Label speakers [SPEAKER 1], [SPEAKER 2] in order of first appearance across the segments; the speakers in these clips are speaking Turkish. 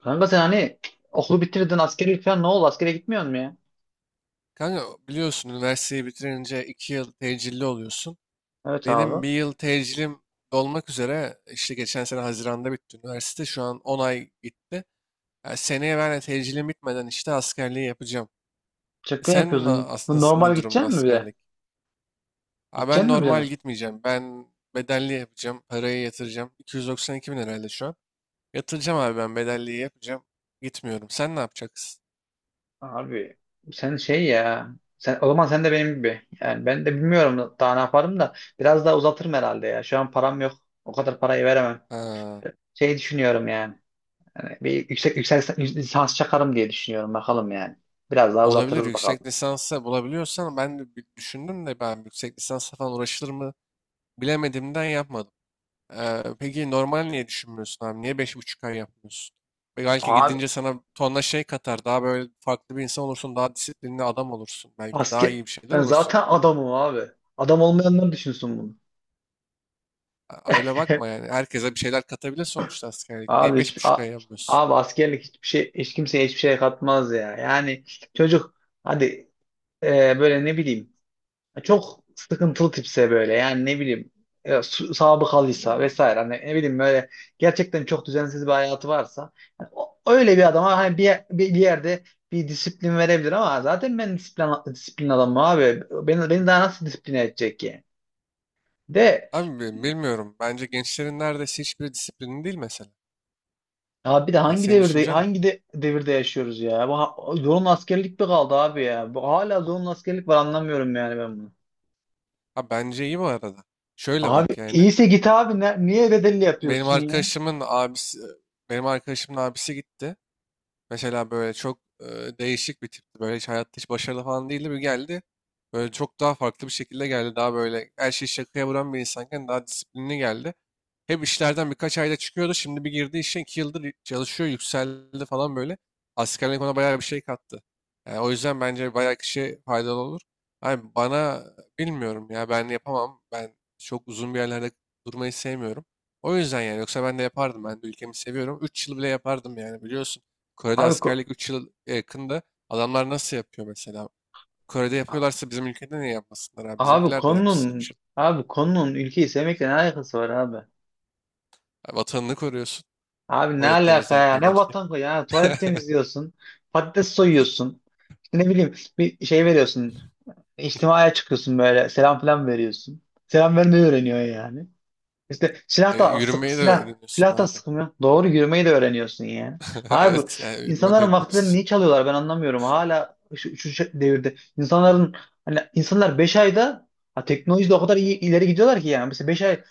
[SPEAKER 1] Kanka sen hani okulu bitirdin askeri falan ne oldu? Askere gitmiyor mu ya?
[SPEAKER 2] Kanka biliyorsun üniversiteyi bitirince 2 yıl tecilli oluyorsun.
[SPEAKER 1] Evet
[SPEAKER 2] Benim
[SPEAKER 1] abi.
[SPEAKER 2] bir yıl tecilim dolmak üzere, işte geçen sene Haziran'da bitti üniversite. Şu an 10 ay gitti. Yani seneye ben de tecilim bitmeden işte askerliği yapacağım.
[SPEAKER 1] Şaka
[SPEAKER 2] Sen
[SPEAKER 1] yapıyorsun. Bu
[SPEAKER 2] aslında ne
[SPEAKER 1] normal
[SPEAKER 2] durumda
[SPEAKER 1] gideceksin mi bir de?
[SPEAKER 2] askerlik? Ha, ben
[SPEAKER 1] Gideceksin mi bir
[SPEAKER 2] normal
[SPEAKER 1] de?
[SPEAKER 2] gitmeyeceğim. Ben bedelli yapacağım. Parayı yatıracağım. 292 bin herhalde şu an. Yatıracağım abi, ben bedelliyi yapacağım. Gitmiyorum. Sen ne yapacaksın?
[SPEAKER 1] Abi sen şey ya. O zaman sen de benim gibi. Yani ben de bilmiyorum daha ne yaparım da. Biraz daha uzatırım herhalde ya. Şu an param yok. O kadar parayı veremem.
[SPEAKER 2] Ha.
[SPEAKER 1] Şey düşünüyorum yani. Hani bir yüksek lisans çakarım diye düşünüyorum. Bakalım yani. Biraz daha
[SPEAKER 2] Olabilir,
[SPEAKER 1] uzatırız bakalım.
[SPEAKER 2] yüksek lisansa bulabiliyorsan ben de bir düşündüm de, ben yüksek lisansa falan uğraşılır mı bilemediğimden yapmadım. Peki normal niye düşünmüyorsun abi? Niye 5,5 ay yapmıyorsun? Ve belki
[SPEAKER 1] Abi
[SPEAKER 2] gidince sana tonla şey katar. Daha böyle farklı bir insan olursun. Daha disiplinli adam olursun. Belki daha
[SPEAKER 1] asker
[SPEAKER 2] iyi bir şeyler
[SPEAKER 1] ben
[SPEAKER 2] olursun.
[SPEAKER 1] zaten adamım abi. Adam olmayanlar düşünsün bunu.
[SPEAKER 2] Aa, öyle bakma yani. Herkese bir şeyler katabilir sonuçta askerlik. Niye
[SPEAKER 1] Abi
[SPEAKER 2] beş
[SPEAKER 1] hiç
[SPEAKER 2] buçuk
[SPEAKER 1] a-
[SPEAKER 2] ay yapmıyorsun?
[SPEAKER 1] abi askerlik hiçbir şey hiç kimseye hiçbir şey katmaz ya. Yani çocuk hadi, böyle ne bileyim çok sıkıntılı tipse böyle yani ne bileyim, sabıkalıysa vesaire hani ne bileyim böyle gerçekten çok düzensiz bir hayatı varsa yani öyle bir adama hani bir yerde bir disiplin verebilir ama zaten ben disiplin adamım abi. Beni daha nasıl disipline edecek ki? De
[SPEAKER 2] Abi, bilmiyorum. Bence gençlerin neredeyse hiçbiri disiplinli değil mesela.
[SPEAKER 1] Ya bir de
[SPEAKER 2] Yani
[SPEAKER 1] hangi
[SPEAKER 2] senin
[SPEAKER 1] devirde
[SPEAKER 2] düşüncen ne?
[SPEAKER 1] hangi devirde yaşıyoruz ya? Bu zorunlu askerlik mi kaldı abi ya? Bu hala zorunlu askerlik var, anlamıyorum yani ben bunu.
[SPEAKER 2] Ha, bence iyi bu arada. Şöyle
[SPEAKER 1] Abi
[SPEAKER 2] bak yani.
[SPEAKER 1] iyiyse git abi, niye bedelli
[SPEAKER 2] Benim
[SPEAKER 1] yapıyorsun ya?
[SPEAKER 2] arkadaşımın abisi, benim arkadaşımın abisi gitti. Mesela böyle çok değişik bir tipti. Böyle hiç hayatta hiç başarılı falan değildi. Bir geldi. Böyle çok daha farklı bir şekilde geldi. Daha böyle her şeyi şakaya vuran bir insanken daha disiplinli geldi. Hem işlerden birkaç ayda çıkıyordu. Şimdi bir girdi işe, 2 yıldır çalışıyor. Yükseldi falan böyle. Askerlik ona bayağı bir şey kattı. Yani o yüzden bence bayağı kişiye faydalı olur. Abi bana, bilmiyorum ya, ben yapamam. Ben çok uzun bir yerlerde durmayı sevmiyorum. O yüzden yani, yoksa ben de yapardım. Ben de ülkemi seviyorum. 3 yıl bile yapardım yani, biliyorsun. Kore'de
[SPEAKER 1] Abi ko-
[SPEAKER 2] askerlik 3 yıl yakında. Adamlar nasıl yapıyor mesela? Kore'de
[SPEAKER 1] a-
[SPEAKER 2] yapıyorlarsa bizim ülkede niye yapmasınlar abi?
[SPEAKER 1] abi
[SPEAKER 2] Bizimkiler de yapsın
[SPEAKER 1] konunun
[SPEAKER 2] 3 yıl.
[SPEAKER 1] abi konunun ülkeyi sevmekle ne alakası var abi?
[SPEAKER 2] Vatanını koruyorsun.
[SPEAKER 1] Abi ne
[SPEAKER 2] Tuvalet
[SPEAKER 1] alaka ya?
[SPEAKER 2] temizlerken
[SPEAKER 1] Ne
[SPEAKER 2] belki.
[SPEAKER 1] vatan koy ya? Tuvalet temizliyorsun. Patates soyuyorsun. İşte ne bileyim bir şey veriyorsun. İçtimaya çıkıyorsun böyle. Selam falan veriyorsun. Selam vermeyi öğreniyorsun yani. İşte
[SPEAKER 2] Yürümeyi de öğreniyorsun
[SPEAKER 1] silah da
[SPEAKER 2] abi.
[SPEAKER 1] sıkmıyor. Doğru yürümeyi de öğreniyorsun yani. Abi
[SPEAKER 2] Evet, yani yürümeyi de
[SPEAKER 1] insanların vaktilerini
[SPEAKER 2] öğreniyorsun.
[SPEAKER 1] niye çalıyorlar ben anlamıyorum. Hala şu devirde insanların, hani insanlar 5 ayda, ha, teknolojide o kadar iyi ileri gidiyorlar ki yani. Mesela 5 ay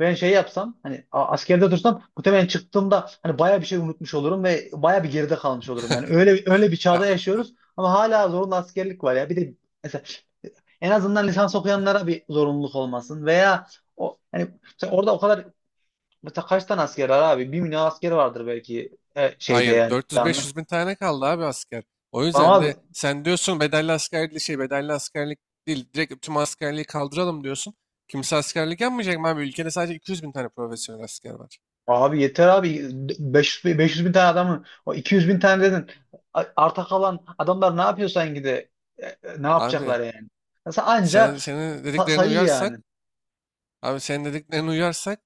[SPEAKER 1] ben şey yapsam hani askerde dursam muhtemelen çıktığımda hani baya bir şey unutmuş olurum ve baya bir geride kalmış olurum yani. Öyle öyle bir çağda
[SPEAKER 2] Ha,
[SPEAKER 1] yaşıyoruz ama hala zorunlu askerlik var ya. Bir de mesela en azından lisans okuyanlara bir zorunluluk olmasın, veya o hani Mesela orada o kadar Mesela kaç tane asker var abi? 1 milyon asker vardır belki, şeyde
[SPEAKER 2] hayır,
[SPEAKER 1] yani. Yani.
[SPEAKER 2] 400-500 bin tane kaldı abi asker. O
[SPEAKER 1] Ama
[SPEAKER 2] yüzden bir
[SPEAKER 1] abi,
[SPEAKER 2] de sen diyorsun bedelli askerlik, şey, bedelli askerlik değil, direkt tüm askerliği kaldıralım diyorsun. Kimse askerlik yapmayacak mı abi? Ülkede sadece 200 bin tane profesyonel asker var.
[SPEAKER 1] abi yeter abi. 500 bin tane adamı, o 200 bin tane dedin. Arta kalan adamlar ne yapıyorsan ne
[SPEAKER 2] Abi
[SPEAKER 1] yapacaklar yani? Mesela anca
[SPEAKER 2] senin dediklerine
[SPEAKER 1] sayı
[SPEAKER 2] uyarsak,
[SPEAKER 1] yani.
[SPEAKER 2] abi senin dediklerine uyarsak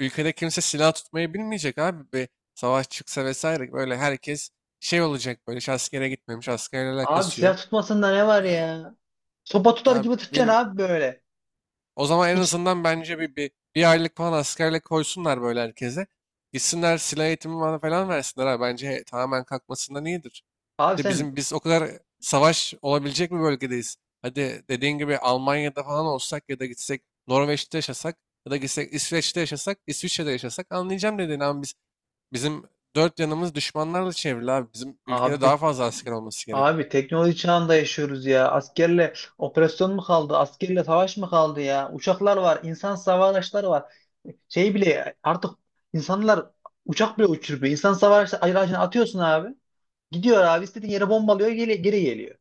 [SPEAKER 2] ülkede kimse silah tutmayı bilmeyecek abi. Bir savaş çıksa vesaire, böyle herkes şey olacak, böyle hiç askere gitmemiş, askerle
[SPEAKER 1] Abi
[SPEAKER 2] alakası
[SPEAKER 1] silah
[SPEAKER 2] yok.
[SPEAKER 1] tutmasında ne var
[SPEAKER 2] E,
[SPEAKER 1] ya? Sopa tutar
[SPEAKER 2] Ha,
[SPEAKER 1] gibi tutacaksın
[SPEAKER 2] bilm-
[SPEAKER 1] abi böyle.
[SPEAKER 2] o zaman en
[SPEAKER 1] Hiç
[SPEAKER 2] azından bence bir aylık falan askerlik koysunlar böyle herkese. Gitsinler silah eğitimi falan falan versinler abi. Bence tamamen kalkmasından iyidir.
[SPEAKER 1] abi
[SPEAKER 2] De
[SPEAKER 1] sen
[SPEAKER 2] biz o kadar savaş olabilecek bir bölgedeyiz. Hadi dediğin gibi Almanya'da falan olsak ya da gitsek Norveç'te yaşasak, ya da gitsek İsveç'te yaşasak, İsviçre'de yaşasak, anlayacağım dediğin, ama bizim dört yanımız düşmanlarla çevrili abi. Bizim ülkede
[SPEAKER 1] abi
[SPEAKER 2] daha fazla asker olması gerekiyor.
[SPEAKER 1] Abi teknoloji çağında yaşıyoruz ya. Askerle operasyon mu kaldı? Askerle savaş mı kaldı ya? Uçaklar var, insan hava araçları var. Şey bile artık insanlar uçak bile uçuruyor. İnsan hava araçları aracını atıyorsun abi. Gidiyor abi istediğin yere bombalıyor, geri geliyor.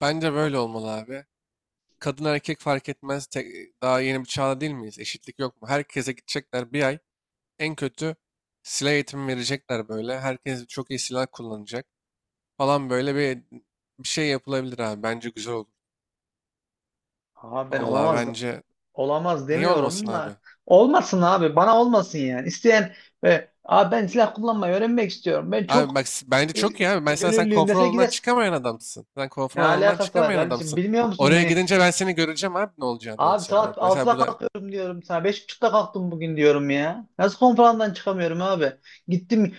[SPEAKER 2] Bence böyle olmalı abi. Kadın erkek fark etmez. Daha yeni bir çağda değil miyiz? Eşitlik yok mu? Herkese gidecekler bir ay. En kötü silah eğitimi verecekler böyle. Herkes çok iyi silah kullanacak falan, böyle bir şey yapılabilir abi. Bence güzel olur.
[SPEAKER 1] Aha ben
[SPEAKER 2] Vallahi
[SPEAKER 1] olamaz
[SPEAKER 2] bence,
[SPEAKER 1] Olamaz
[SPEAKER 2] niye olmasın
[SPEAKER 1] demiyorum
[SPEAKER 2] abi?
[SPEAKER 1] da olmasın abi bana olmasın yani. İsteyen, abi ben silah kullanmayı öğrenmek istiyorum. Ben
[SPEAKER 2] Abi
[SPEAKER 1] çok
[SPEAKER 2] bak, bence
[SPEAKER 1] e,
[SPEAKER 2] çok iyi abi. Mesela sen
[SPEAKER 1] gönüllüyüm
[SPEAKER 2] konfor
[SPEAKER 1] dese
[SPEAKER 2] alanından
[SPEAKER 1] gider.
[SPEAKER 2] çıkamayan adamsın. Sen
[SPEAKER 1] Ne
[SPEAKER 2] konfor alanından
[SPEAKER 1] alakası var
[SPEAKER 2] çıkamayan
[SPEAKER 1] kardeşim,
[SPEAKER 2] adamsın.
[SPEAKER 1] bilmiyor musun
[SPEAKER 2] Oraya
[SPEAKER 1] beni?
[SPEAKER 2] gidince ben seni göreceğim abi, ne olacağını, ben
[SPEAKER 1] Abi
[SPEAKER 2] sen
[SPEAKER 1] saat
[SPEAKER 2] orada. Mesela
[SPEAKER 1] 6'da
[SPEAKER 2] burada.
[SPEAKER 1] kalkıyorum diyorum sana. 5.30'ta kalktım bugün diyorum ya. Nasıl konferanstan çıkamıyorum abi? Gittim,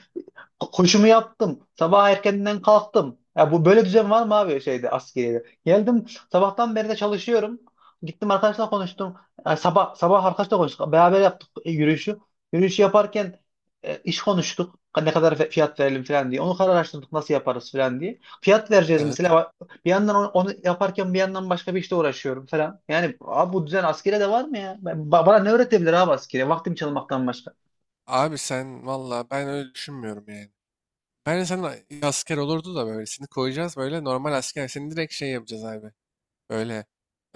[SPEAKER 1] koşumu yaptım. Sabah erkenden kalktım. Ya bu böyle düzen var mı abi şeyde, askeriyede? Geldim, sabahtan beri de çalışıyorum. Gittim, arkadaşla konuştum. Ya sabah sabah arkadaşla konuştuk. Beraber yaptık, yürüyüşü. Yürüyüşü yaparken, iş konuştuk. Ne kadar fiyat verelim falan diye. Onu kararlaştırdık, nasıl yaparız falan diye. Fiyat vereceğiz
[SPEAKER 2] Evet.
[SPEAKER 1] mesela. Bir yandan onu yaparken bir yandan başka bir işte uğraşıyorum falan. Yani abi bu düzen askere de var mı ya? Bana ne öğretebilir abi askere? Vaktimi çalmaktan başka.
[SPEAKER 2] Abi sen valla, ben öyle düşünmüyorum yani. Bence sen asker olurdu da böyle seni koyacağız, böyle normal asker. Seni direkt şey yapacağız abi. Böyle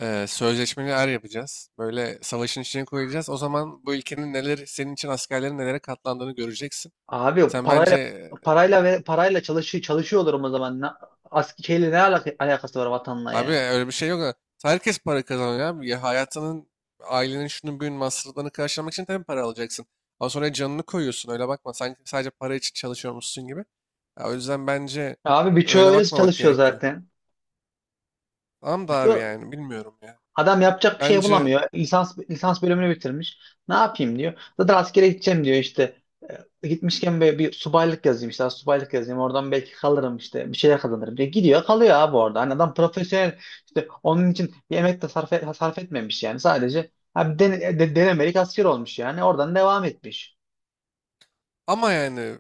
[SPEAKER 2] sözleşmeli er yapacağız. Böyle savaşın içine koyacağız. O zaman bu ülkenin, neler senin için askerlerin nelere katlandığını göreceksin.
[SPEAKER 1] Abi
[SPEAKER 2] Sen
[SPEAKER 1] parayla
[SPEAKER 2] bence
[SPEAKER 1] parayla ve parayla çalışıyorlar o zaman. Ne, ask şeyle ne alaka- alakası var vatanla
[SPEAKER 2] abi
[SPEAKER 1] yani?
[SPEAKER 2] öyle bir şey yok. Herkes para kazanıyor abi. Ya hayatının, ailenin, şunun büyüğün masraflarını karşılamak için tabii para alacaksın. Ama sonra canını koyuyorsun, öyle bakma. Sanki sadece para için çalışıyormuşsun gibi. Ya o yüzden bence
[SPEAKER 1] Abi birçoğu
[SPEAKER 2] öyle
[SPEAKER 1] öyle
[SPEAKER 2] bakmamak
[SPEAKER 1] çalışıyor
[SPEAKER 2] gerekiyor.
[SPEAKER 1] zaten.
[SPEAKER 2] Tamam da abi,
[SPEAKER 1] Birçoğu
[SPEAKER 2] yani bilmiyorum ya.
[SPEAKER 1] adam yapacak bir şey
[SPEAKER 2] Bence,
[SPEAKER 1] bulamıyor. Lisans bölümünü bitirmiş. Ne yapayım diyor. Zaten askere gideceğim diyor işte. Gitmişken böyle bir subaylık yazayım işte. Subaylık yazayım. Oradan belki kalırım işte. Bir şeyler kazanırım diye. Gidiyor, kalıyor abi orada. Hani adam profesyonel işte, onun için bir emek de sarf etmemiş yani. Sadece abi denemelik asker olmuş yani. Oradan devam etmiş.
[SPEAKER 2] ama yani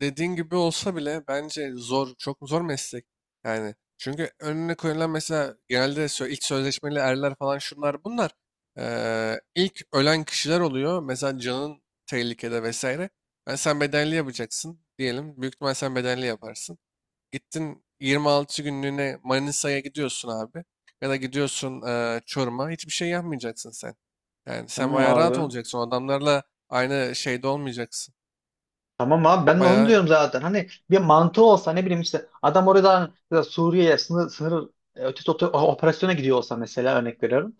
[SPEAKER 2] dediğin gibi olsa bile, bence zor, çok zor meslek. Yani çünkü önüne koyulan mesela genelde ilk sözleşmeli erler falan, şunlar bunlar. İlk ölen kişiler oluyor. Mesela canın tehlikede vesaire. Yani sen bedelli yapacaksın diyelim. Büyük ihtimal sen bedelli yaparsın. Gittin, 26 günlüğüne Manisa'ya gidiyorsun abi. Ya da gidiyorsun Çorum'a. Hiçbir şey yapmayacaksın sen. Yani sen
[SPEAKER 1] Tamam
[SPEAKER 2] bayağı rahat
[SPEAKER 1] abi.
[SPEAKER 2] olacaksın. O adamlarla aynı şeyde olmayacaksın.
[SPEAKER 1] Tamam abi, ben de onu
[SPEAKER 2] Bayağı.
[SPEAKER 1] diyorum zaten. Hani bir mantığı olsa ne bileyim, işte adam oradan ya Suriye'ye sınır ötesi operasyona gidiyor olsa mesela, örnek veriyorum.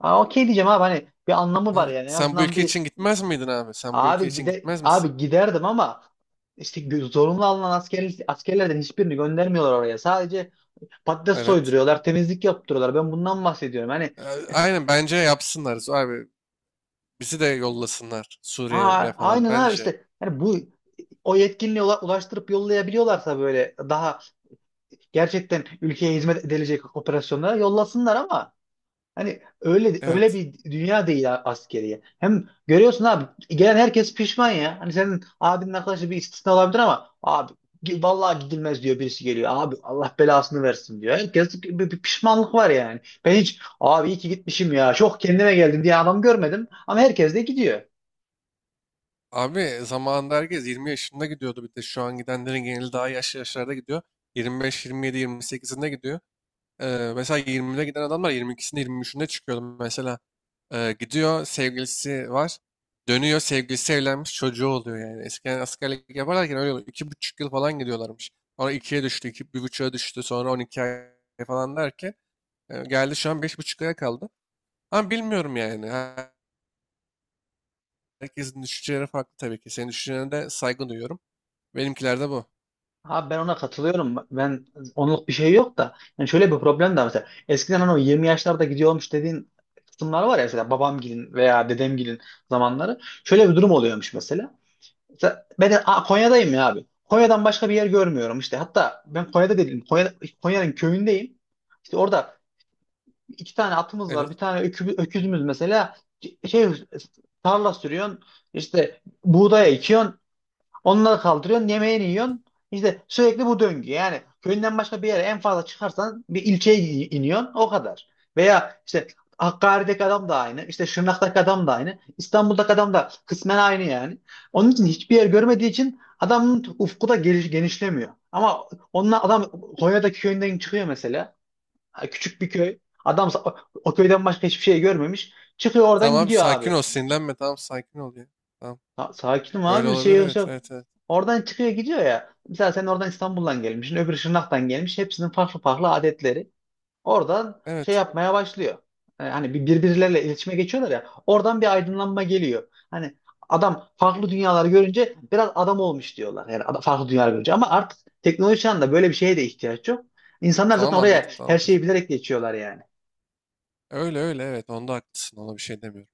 [SPEAKER 1] Aa, okey diyeceğim abi, hani bir anlamı var
[SPEAKER 2] Evet.
[SPEAKER 1] yani en
[SPEAKER 2] Sen bu
[SPEAKER 1] azından.
[SPEAKER 2] ülke
[SPEAKER 1] Bir
[SPEAKER 2] için gitmez miydin abi? Sen bu ülke
[SPEAKER 1] abi
[SPEAKER 2] için gitmez misin?
[SPEAKER 1] giderdim ama işte zorunlu alınan askerlerden hiçbirini göndermiyorlar oraya. Sadece patates
[SPEAKER 2] Evet.
[SPEAKER 1] soyduruyorlar, temizlik yaptırıyorlar. Ben bundan bahsediyorum. Hani
[SPEAKER 2] Ee, Aynen, bence yapsınlar abi. Bizi de yollasınlar Suriye'ye
[SPEAKER 1] aa,
[SPEAKER 2] falan
[SPEAKER 1] aynen abi
[SPEAKER 2] bence.
[SPEAKER 1] işte. Hani bu o yetkinliğe ulaştırıp yollayabiliyorlarsa böyle daha gerçekten ülkeye hizmet edilecek operasyonlara yollasınlar ama hani öyle öyle
[SPEAKER 2] Evet.
[SPEAKER 1] bir dünya değil askeriye. Hem görüyorsun abi, gelen herkes pişman ya. Hani senin abinin arkadaşı bir istisna olabilir ama abi vallahi gidilmez diyor birisi geliyor. Abi Allah belasını versin diyor. Herkes bir pişmanlık var yani. Ben hiç abi iyi ki gitmişim ya, çok kendime geldim diye adam görmedim ama herkes de gidiyor.
[SPEAKER 2] Abi zamanında herkes 20 yaşında gidiyordu, bir de şu an gidenlerin geneli daha yaşlı yaşlarda gidiyor. 25, 27, 28'inde gidiyor. Mesela 20'de giden adamlar 22'sinde, 23'ünde çıkıyordu mesela. Gidiyor sevgilisi var. Dönüyor, sevgilisi evlenmiş, çocuğu oluyor yani. Eskiden askerlik yaparlarken öyle oluyor. 2,5 yıl falan gidiyorlarmış. Sonra 2'ye düştü, 2,5'a düştü. Sonra 12 ay falan derken geldi, şu an 5,5 aya kaldı. Ama bilmiyorum yani. Herkesin düşünceleri farklı tabii ki. Senin düşüncelerine de saygı duyuyorum. Benimkiler de bu.
[SPEAKER 1] Abi ben ona katılıyorum. Ben onluk bir şey yok da. Yani şöyle bir problem de var mesela. Eskiden hani o 20 yaşlarda gidiyormuş dediğin kısımlar var ya, mesela babamgilin veya dedemgilin zamanları. Şöyle bir durum oluyormuş mesela. Mesela ben de, aa, Konya'dayım ya abi. Konya'dan başka bir yer görmüyorum işte. Hatta ben Konya'da değilim. Konya'nın köyündeyim. İşte orada iki tane atımız var.
[SPEAKER 2] Evet.
[SPEAKER 1] Bir tane öküzümüz mesela. Şey tarla sürüyorsun. İşte buğdaya ekiyorsun. Onları kaldırıyorsun, yemeğini yiyorsun. İşte sürekli bu döngü. Yani köyünden başka bir yere en fazla çıkarsan bir ilçeye iniyorsun. O kadar. Veya işte Hakkari'deki adam da aynı. İşte Şırnak'taki adam da aynı. İstanbul'daki adam da kısmen aynı yani. Onun için hiçbir yer görmediği için adamın ufku da genişlemiyor. Ama onunla adam Konya'daki köyünden çıkıyor mesela. Ha, küçük bir köy. Adam o köyden başka hiçbir şey görmemiş. Çıkıyor oradan
[SPEAKER 2] Tamam abi,
[SPEAKER 1] gidiyor
[SPEAKER 2] sakin
[SPEAKER 1] abi.
[SPEAKER 2] ol. Sinirlenme. Tamam, sakin ol ya. Tamam.
[SPEAKER 1] Ha, sakinim
[SPEAKER 2] Öyle
[SPEAKER 1] abi, bir şey
[SPEAKER 2] olabilir.
[SPEAKER 1] yok. Şey
[SPEAKER 2] Evet.
[SPEAKER 1] yok.
[SPEAKER 2] Evet. Evet.
[SPEAKER 1] Oradan çıkıyor gidiyor ya. Mesela sen oradan İstanbul'dan gelmişsin, öbürü Şırnak'tan gelmiş. Hepsinin farklı farklı adetleri. Oradan şey
[SPEAKER 2] Evet.
[SPEAKER 1] yapmaya başlıyor. Hani birbirleriyle iletişime geçiyorlar ya. Oradan bir aydınlanma geliyor. Hani adam farklı dünyalar görünce biraz adam olmuş diyorlar. Yani farklı dünyalar görünce. Ama artık teknoloji çağında böyle bir şeye de ihtiyaç yok. İnsanlar zaten
[SPEAKER 2] Tamam,
[SPEAKER 1] oraya
[SPEAKER 2] anladım,
[SPEAKER 1] her
[SPEAKER 2] tamamdır.
[SPEAKER 1] şeyi bilerek geçiyorlar yani.
[SPEAKER 2] Öyle öyle, evet, onda haklısın, ona bir şey demiyorum.